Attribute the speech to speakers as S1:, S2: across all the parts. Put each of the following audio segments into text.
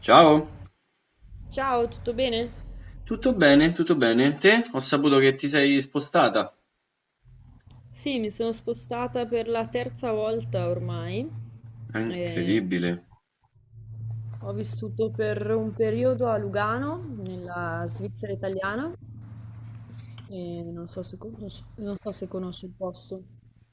S1: Ciao,
S2: Ciao, tutto bene?
S1: tutto bene, tutto bene. Te? Ho saputo che ti sei spostata.
S2: Sì, mi sono spostata per la terza volta ormai.
S1: È
S2: Eh,
S1: incredibile.
S2: Ho vissuto per un periodo a Lugano, nella Svizzera italiana, e non so se conosci il posto.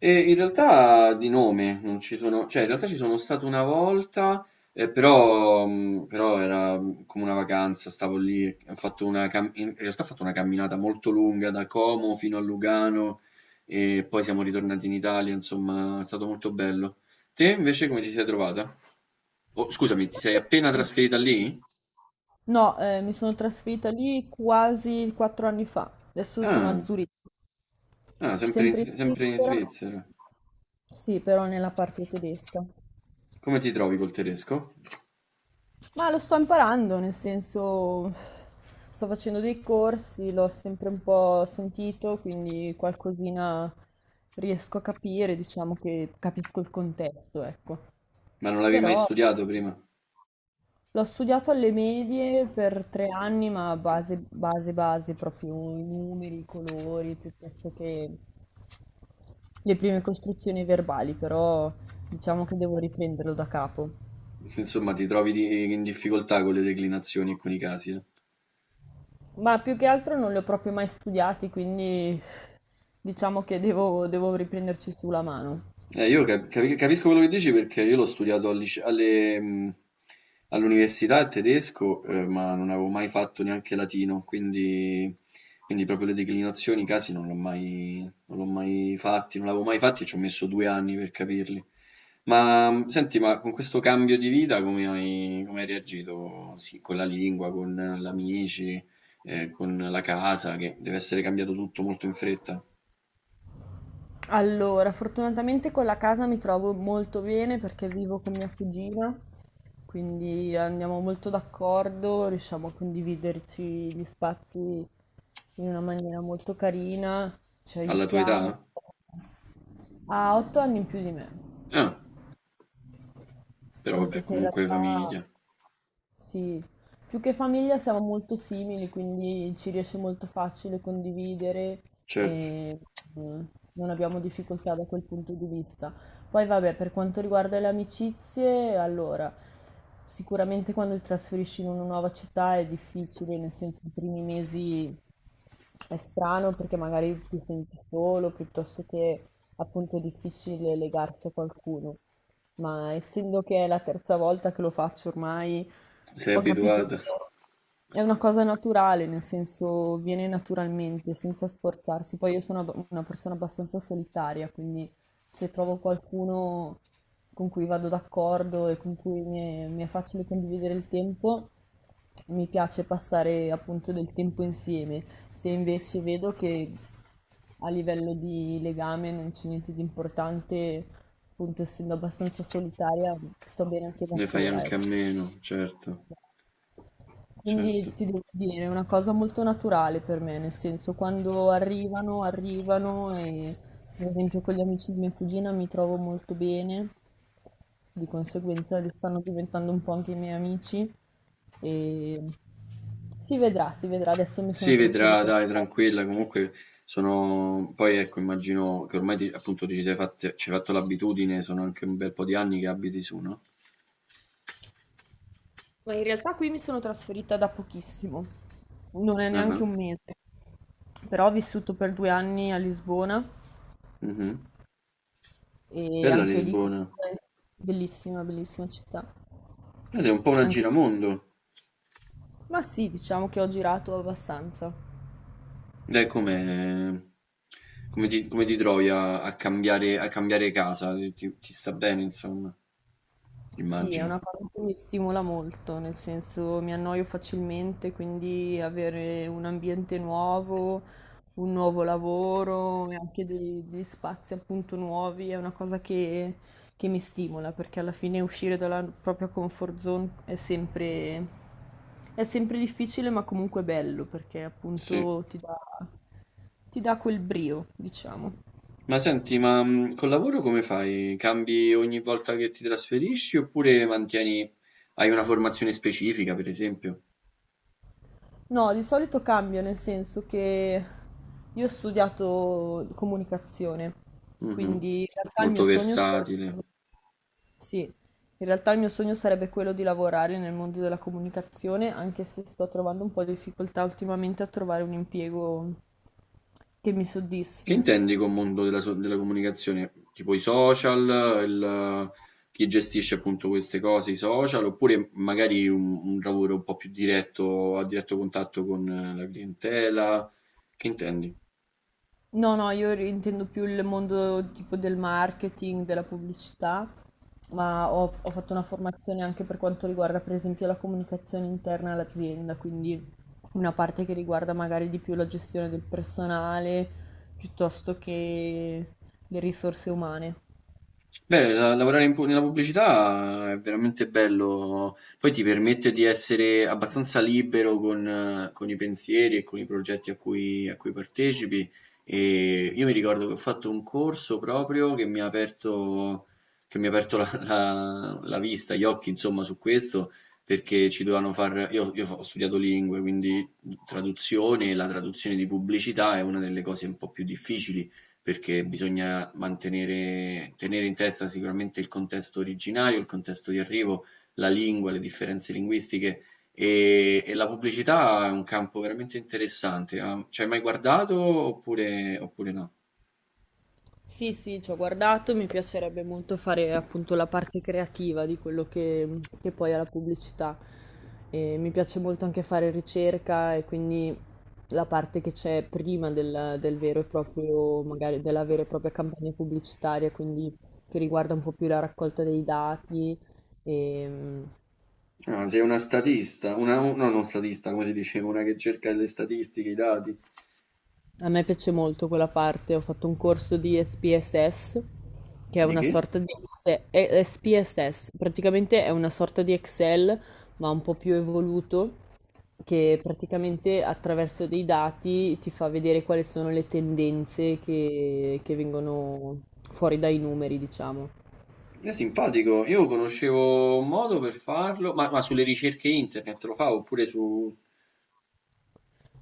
S1: E in realtà di nome non ci sono, cioè in realtà ci sono stato una volta, però era come una vacanza, stavo lì, ho fatto una in realtà ho fatto una camminata molto lunga da Como fino a Lugano e poi siamo ritornati in Italia, insomma, è stato molto bello. Te invece come ti sei trovata? Oh, scusami, ti sei appena trasferita lì?
S2: No, mi sono trasferita lì quasi 4 anni fa. Adesso sono a
S1: Ah.
S2: Zurigo,
S1: Ah, sempre in,
S2: sempre in
S1: Sempre in
S2: Svizzera,
S1: Svizzera.
S2: sì, però nella parte tedesca.
S1: Come ti trovi col tedesco?
S2: Ma lo sto imparando, nel senso sto facendo dei corsi, l'ho sempre un po' sentito, quindi qualcosina riesco a capire, diciamo che capisco il contesto, ecco.
S1: Ma non l'avevi mai
S2: Però
S1: studiato prima?
S2: l'ho studiato alle medie per 3 anni, ma base, base, base, proprio i numeri, i colori, piuttosto che le prime costruzioni verbali, però diciamo che devo riprenderlo da capo.
S1: Insomma, ti trovi in difficoltà con le declinazioni e con i casi, eh?
S2: Ma più che altro non li ho proprio mai studiati, quindi diciamo che devo riprenderci sulla mano.
S1: Io capisco quello che dici perché io l'ho studiato al alle, all'università il tedesco, ma non avevo mai fatto neanche latino, quindi proprio le declinazioni, i casi non l'ho mai fatti, non l'avevo mai fatti e ci ho messo 2 anni per capirli. Ma senti, ma con questo cambio di vita come hai reagito? Sì, con la lingua, con gli amici, con la casa, che deve essere cambiato tutto molto in fretta.
S2: Allora, fortunatamente con la casa mi trovo molto bene perché vivo con mia cugina, quindi andiamo molto d'accordo, riusciamo a condividerci gli spazi in una maniera molto carina, ci
S1: Alla tua
S2: aiutiamo.
S1: età?
S2: Ha 8 anni in più di me.
S1: Ah, però
S2: Anche
S1: vabbè,
S2: se in
S1: comunque
S2: realtà
S1: famiglia.
S2: sì, più che famiglia siamo molto simili, quindi ci riesce molto facile condividere
S1: Certo,
S2: e mm, non abbiamo difficoltà da quel punto di vista. Poi vabbè, per quanto riguarda le amicizie, allora, sicuramente quando ti trasferisci in una nuova città è difficile, nel senso i primi mesi è strano perché magari ti senti solo, piuttosto che appunto è difficile legarsi a qualcuno, ma essendo che è la terza volta che lo faccio ormai,
S1: sei
S2: ho capito che
S1: abituata,
S2: è una cosa naturale, nel senso viene naturalmente, senza sforzarsi. Poi io sono una persona abbastanza solitaria, quindi se trovo qualcuno con cui vado d'accordo e con cui mi è facile condividere il tempo, mi piace passare appunto del tempo insieme. Se invece vedo che a livello di legame non c'è niente di importante. Appunto, essendo abbastanza solitaria, sto bene anche da
S1: ne fai
S2: sola,
S1: anche a
S2: ecco.
S1: meno, certo,
S2: Quindi
S1: certo.
S2: ti devo dire, è una cosa molto naturale per me, nel senso quando arrivano, arrivano e per esempio con gli amici di mia cugina mi trovo molto bene, di conseguenza li stanno diventando un po' anche i miei amici e si vedrà, adesso mi sono
S1: Si vedrà,
S2: trasferita.
S1: dai, tranquilla, comunque sono... Poi ecco, immagino che ormai appunto ti ci sei ci hai fatto l'abitudine, sono anche un bel po' di anni che abiti su, no?
S2: Ma in realtà qui mi sono trasferita da pochissimo, non è
S1: Ah,
S2: neanche un mese, però ho vissuto per 2 anni a Lisbona
S1: mhm.
S2: e
S1: Bella
S2: anche lì
S1: Lisbona.
S2: comunque bellissima, bellissima città.
S1: Sei un po' una
S2: Anche-
S1: giramondo.
S2: Ma sì, diciamo che ho girato abbastanza.
S1: Dai, come, come ti trovi a cambiare casa? Ti sta bene, insomma,
S2: Sì, è
S1: immagino.
S2: una cosa che mi stimola molto, nel senso mi annoio facilmente, quindi avere un ambiente nuovo, un nuovo lavoro e anche degli spazi appunto nuovi è una cosa che mi stimola, perché alla fine uscire dalla propria comfort zone è sempre difficile, ma comunque bello, perché
S1: Sì.
S2: appunto ti dà quel brio, diciamo.
S1: Ma senti, ma col lavoro come fai? Cambi ogni volta che ti trasferisci oppure mantieni, hai una formazione specifica, per esempio?
S2: No, di solito cambio, nel senso che io ho studiato comunicazione,
S1: Mhm.
S2: quindi in realtà il
S1: Molto
S2: mio sogno
S1: versatile.
S2: sarebbe, sì, in realtà il mio sogno sarebbe quello di lavorare nel mondo della comunicazione, anche se sto trovando un po' di difficoltà ultimamente a trovare un impiego che mi
S1: Che
S2: soddisfi.
S1: intendi con mondo della, della comunicazione? Tipo i social, il- chi gestisce appunto queste cose, i social, oppure magari un lavoro un po' più diretto, a diretto contatto con la clientela? Che intendi?
S2: No, no, io intendo più il mondo tipo del marketing, della pubblicità, ma ho fatto una formazione anche per quanto riguarda, per esempio, la comunicazione interna all'azienda, quindi una parte che riguarda magari di più la gestione del personale piuttosto che le risorse umane.
S1: Beh, lavorare in nella pubblicità è veramente bello, poi ti permette di essere abbastanza libero con i pensieri e con i progetti a cui partecipi. E io mi ricordo che ho fatto un corso proprio che mi ha aperto, che mi ha aperto la vista, gli occhi, insomma, su questo, perché ci dovevano far... io ho studiato lingue, quindi traduzione, la traduzione di pubblicità è una delle cose un po' più difficili perché bisogna mantenere, tenere in testa sicuramente il contesto originario, il contesto di arrivo, la lingua, le differenze linguistiche e la pubblicità è un campo veramente interessante. Ah, ci hai mai guardato oppure, oppure no?
S2: Sì, sì, ci ho guardato, mi piacerebbe molto fare appunto la parte creativa di quello che poi è la pubblicità. E mi piace molto anche fare ricerca e quindi la parte che c'è prima del vero e proprio, magari della vera e propria campagna pubblicitaria, quindi che riguarda un po' più la raccolta dei dati e.
S1: Ah, sei una statista, una, no, non statista, come si dice, una che cerca le statistiche, i dati.
S2: A me piace molto quella parte, ho fatto un corso di SPSS, che è
S1: Di
S2: una
S1: che?
S2: sorta di SPSS, praticamente è una sorta di Excel, ma un po' più evoluto, che praticamente attraverso dei dati ti fa vedere quali sono le tendenze che vengono fuori dai numeri, diciamo.
S1: È simpatico, io conoscevo un modo per farlo, ma sulle ricerche internet lo fa oppure su...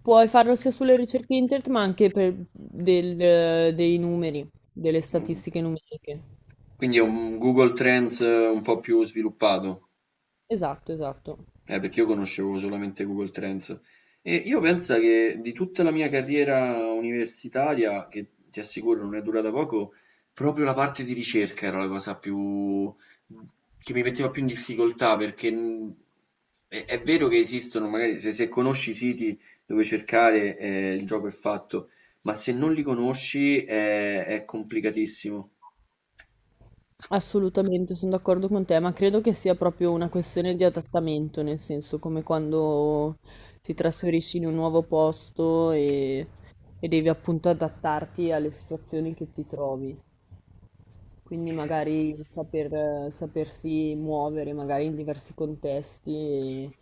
S2: Puoi farlo sia sulle ricerche internet, ma anche per dei numeri, delle
S1: Mhm.
S2: statistiche numeriche.
S1: Quindi è un Google Trends un po' più sviluppato,
S2: Esatto, esatto.
S1: perché io conoscevo solamente Google Trends. E io penso che di tutta la mia carriera universitaria, che ti assicuro non è durata poco, proprio la parte di ricerca era la cosa più che mi metteva più in difficoltà, perché è vero che esistono, magari se conosci i siti dove cercare, il gioco è fatto, ma se non li conosci è complicatissimo.
S2: Assolutamente, son d'accordo con te, ma credo che sia proprio una questione di adattamento, nel senso come quando ti trasferisci in un nuovo posto e devi appunto adattarti alle situazioni che ti trovi. Quindi magari sapersi muovere, magari in diversi contesti e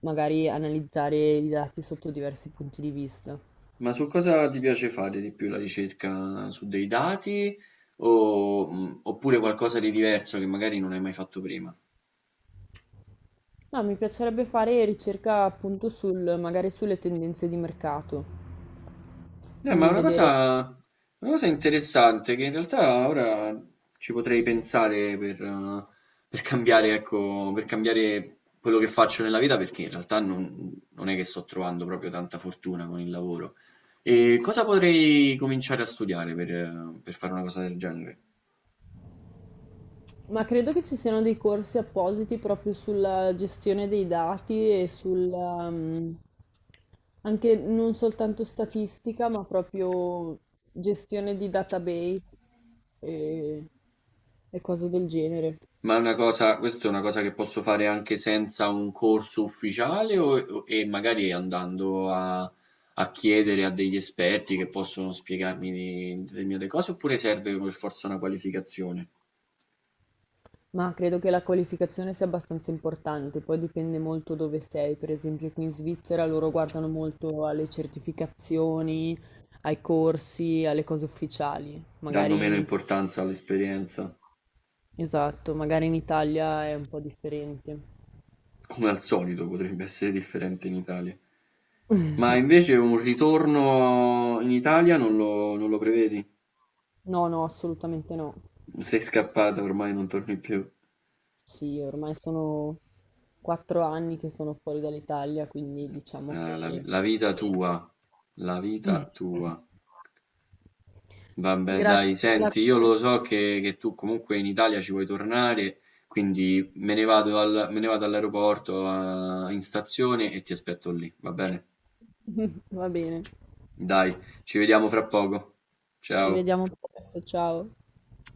S2: magari analizzare i dati sotto diversi punti di vista.
S1: Ma su cosa ti piace fare di più la ricerca? Su dei dati o, oppure qualcosa di diverso che magari non hai mai fatto prima?
S2: No, mi piacerebbe fare ricerca appunto sul, magari sulle tendenze di mercato,
S1: Ma è
S2: quindi vedere.
S1: una cosa interessante che in realtà ora ci potrei pensare per cambiare, ecco, per cambiare quello che faccio nella vita perché in realtà non è che sto trovando proprio tanta fortuna con il lavoro. E cosa potrei cominciare a studiare per fare una cosa del genere?
S2: Ma credo che ci siano dei corsi appositi proprio sulla gestione dei dati e sul, anche non soltanto statistica, ma proprio gestione di database e, e cose del genere.
S1: È una cosa che posso fare anche senza un corso ufficiale e magari andando a chiedere a degli esperti che possono spiegarmi determinate cose, oppure serve per forza una qualificazione?
S2: Ma credo che la qualificazione sia abbastanza importante, poi dipende molto dove sei. Per esempio, qui in Svizzera loro guardano molto alle certificazioni, ai corsi, alle cose ufficiali.
S1: Danno
S2: Magari
S1: meno
S2: in.
S1: importanza all'esperienza,
S2: Esatto, magari in Italia è un po' differente.
S1: come al solito potrebbe essere differente in Italia. Ma invece un ritorno in Italia non lo prevedi?
S2: No, no, assolutamente no.
S1: Sei scappata, ormai non torni più.
S2: Sì, ormai sono 4 anni che sono fuori dall'Italia, quindi diciamo
S1: La
S2: che.
S1: la vita tua, la vita tua. Vabbè
S2: Grazie
S1: dai,
S2: per la.
S1: senti, io lo so che tu comunque in Italia ci vuoi tornare, quindi me ne vado me ne vado all'aeroporto, in stazione e ti aspetto lì, va bene?
S2: Va bene,
S1: Dai, ci vediamo fra poco.
S2: ci
S1: Ciao.
S2: vediamo presto, ciao.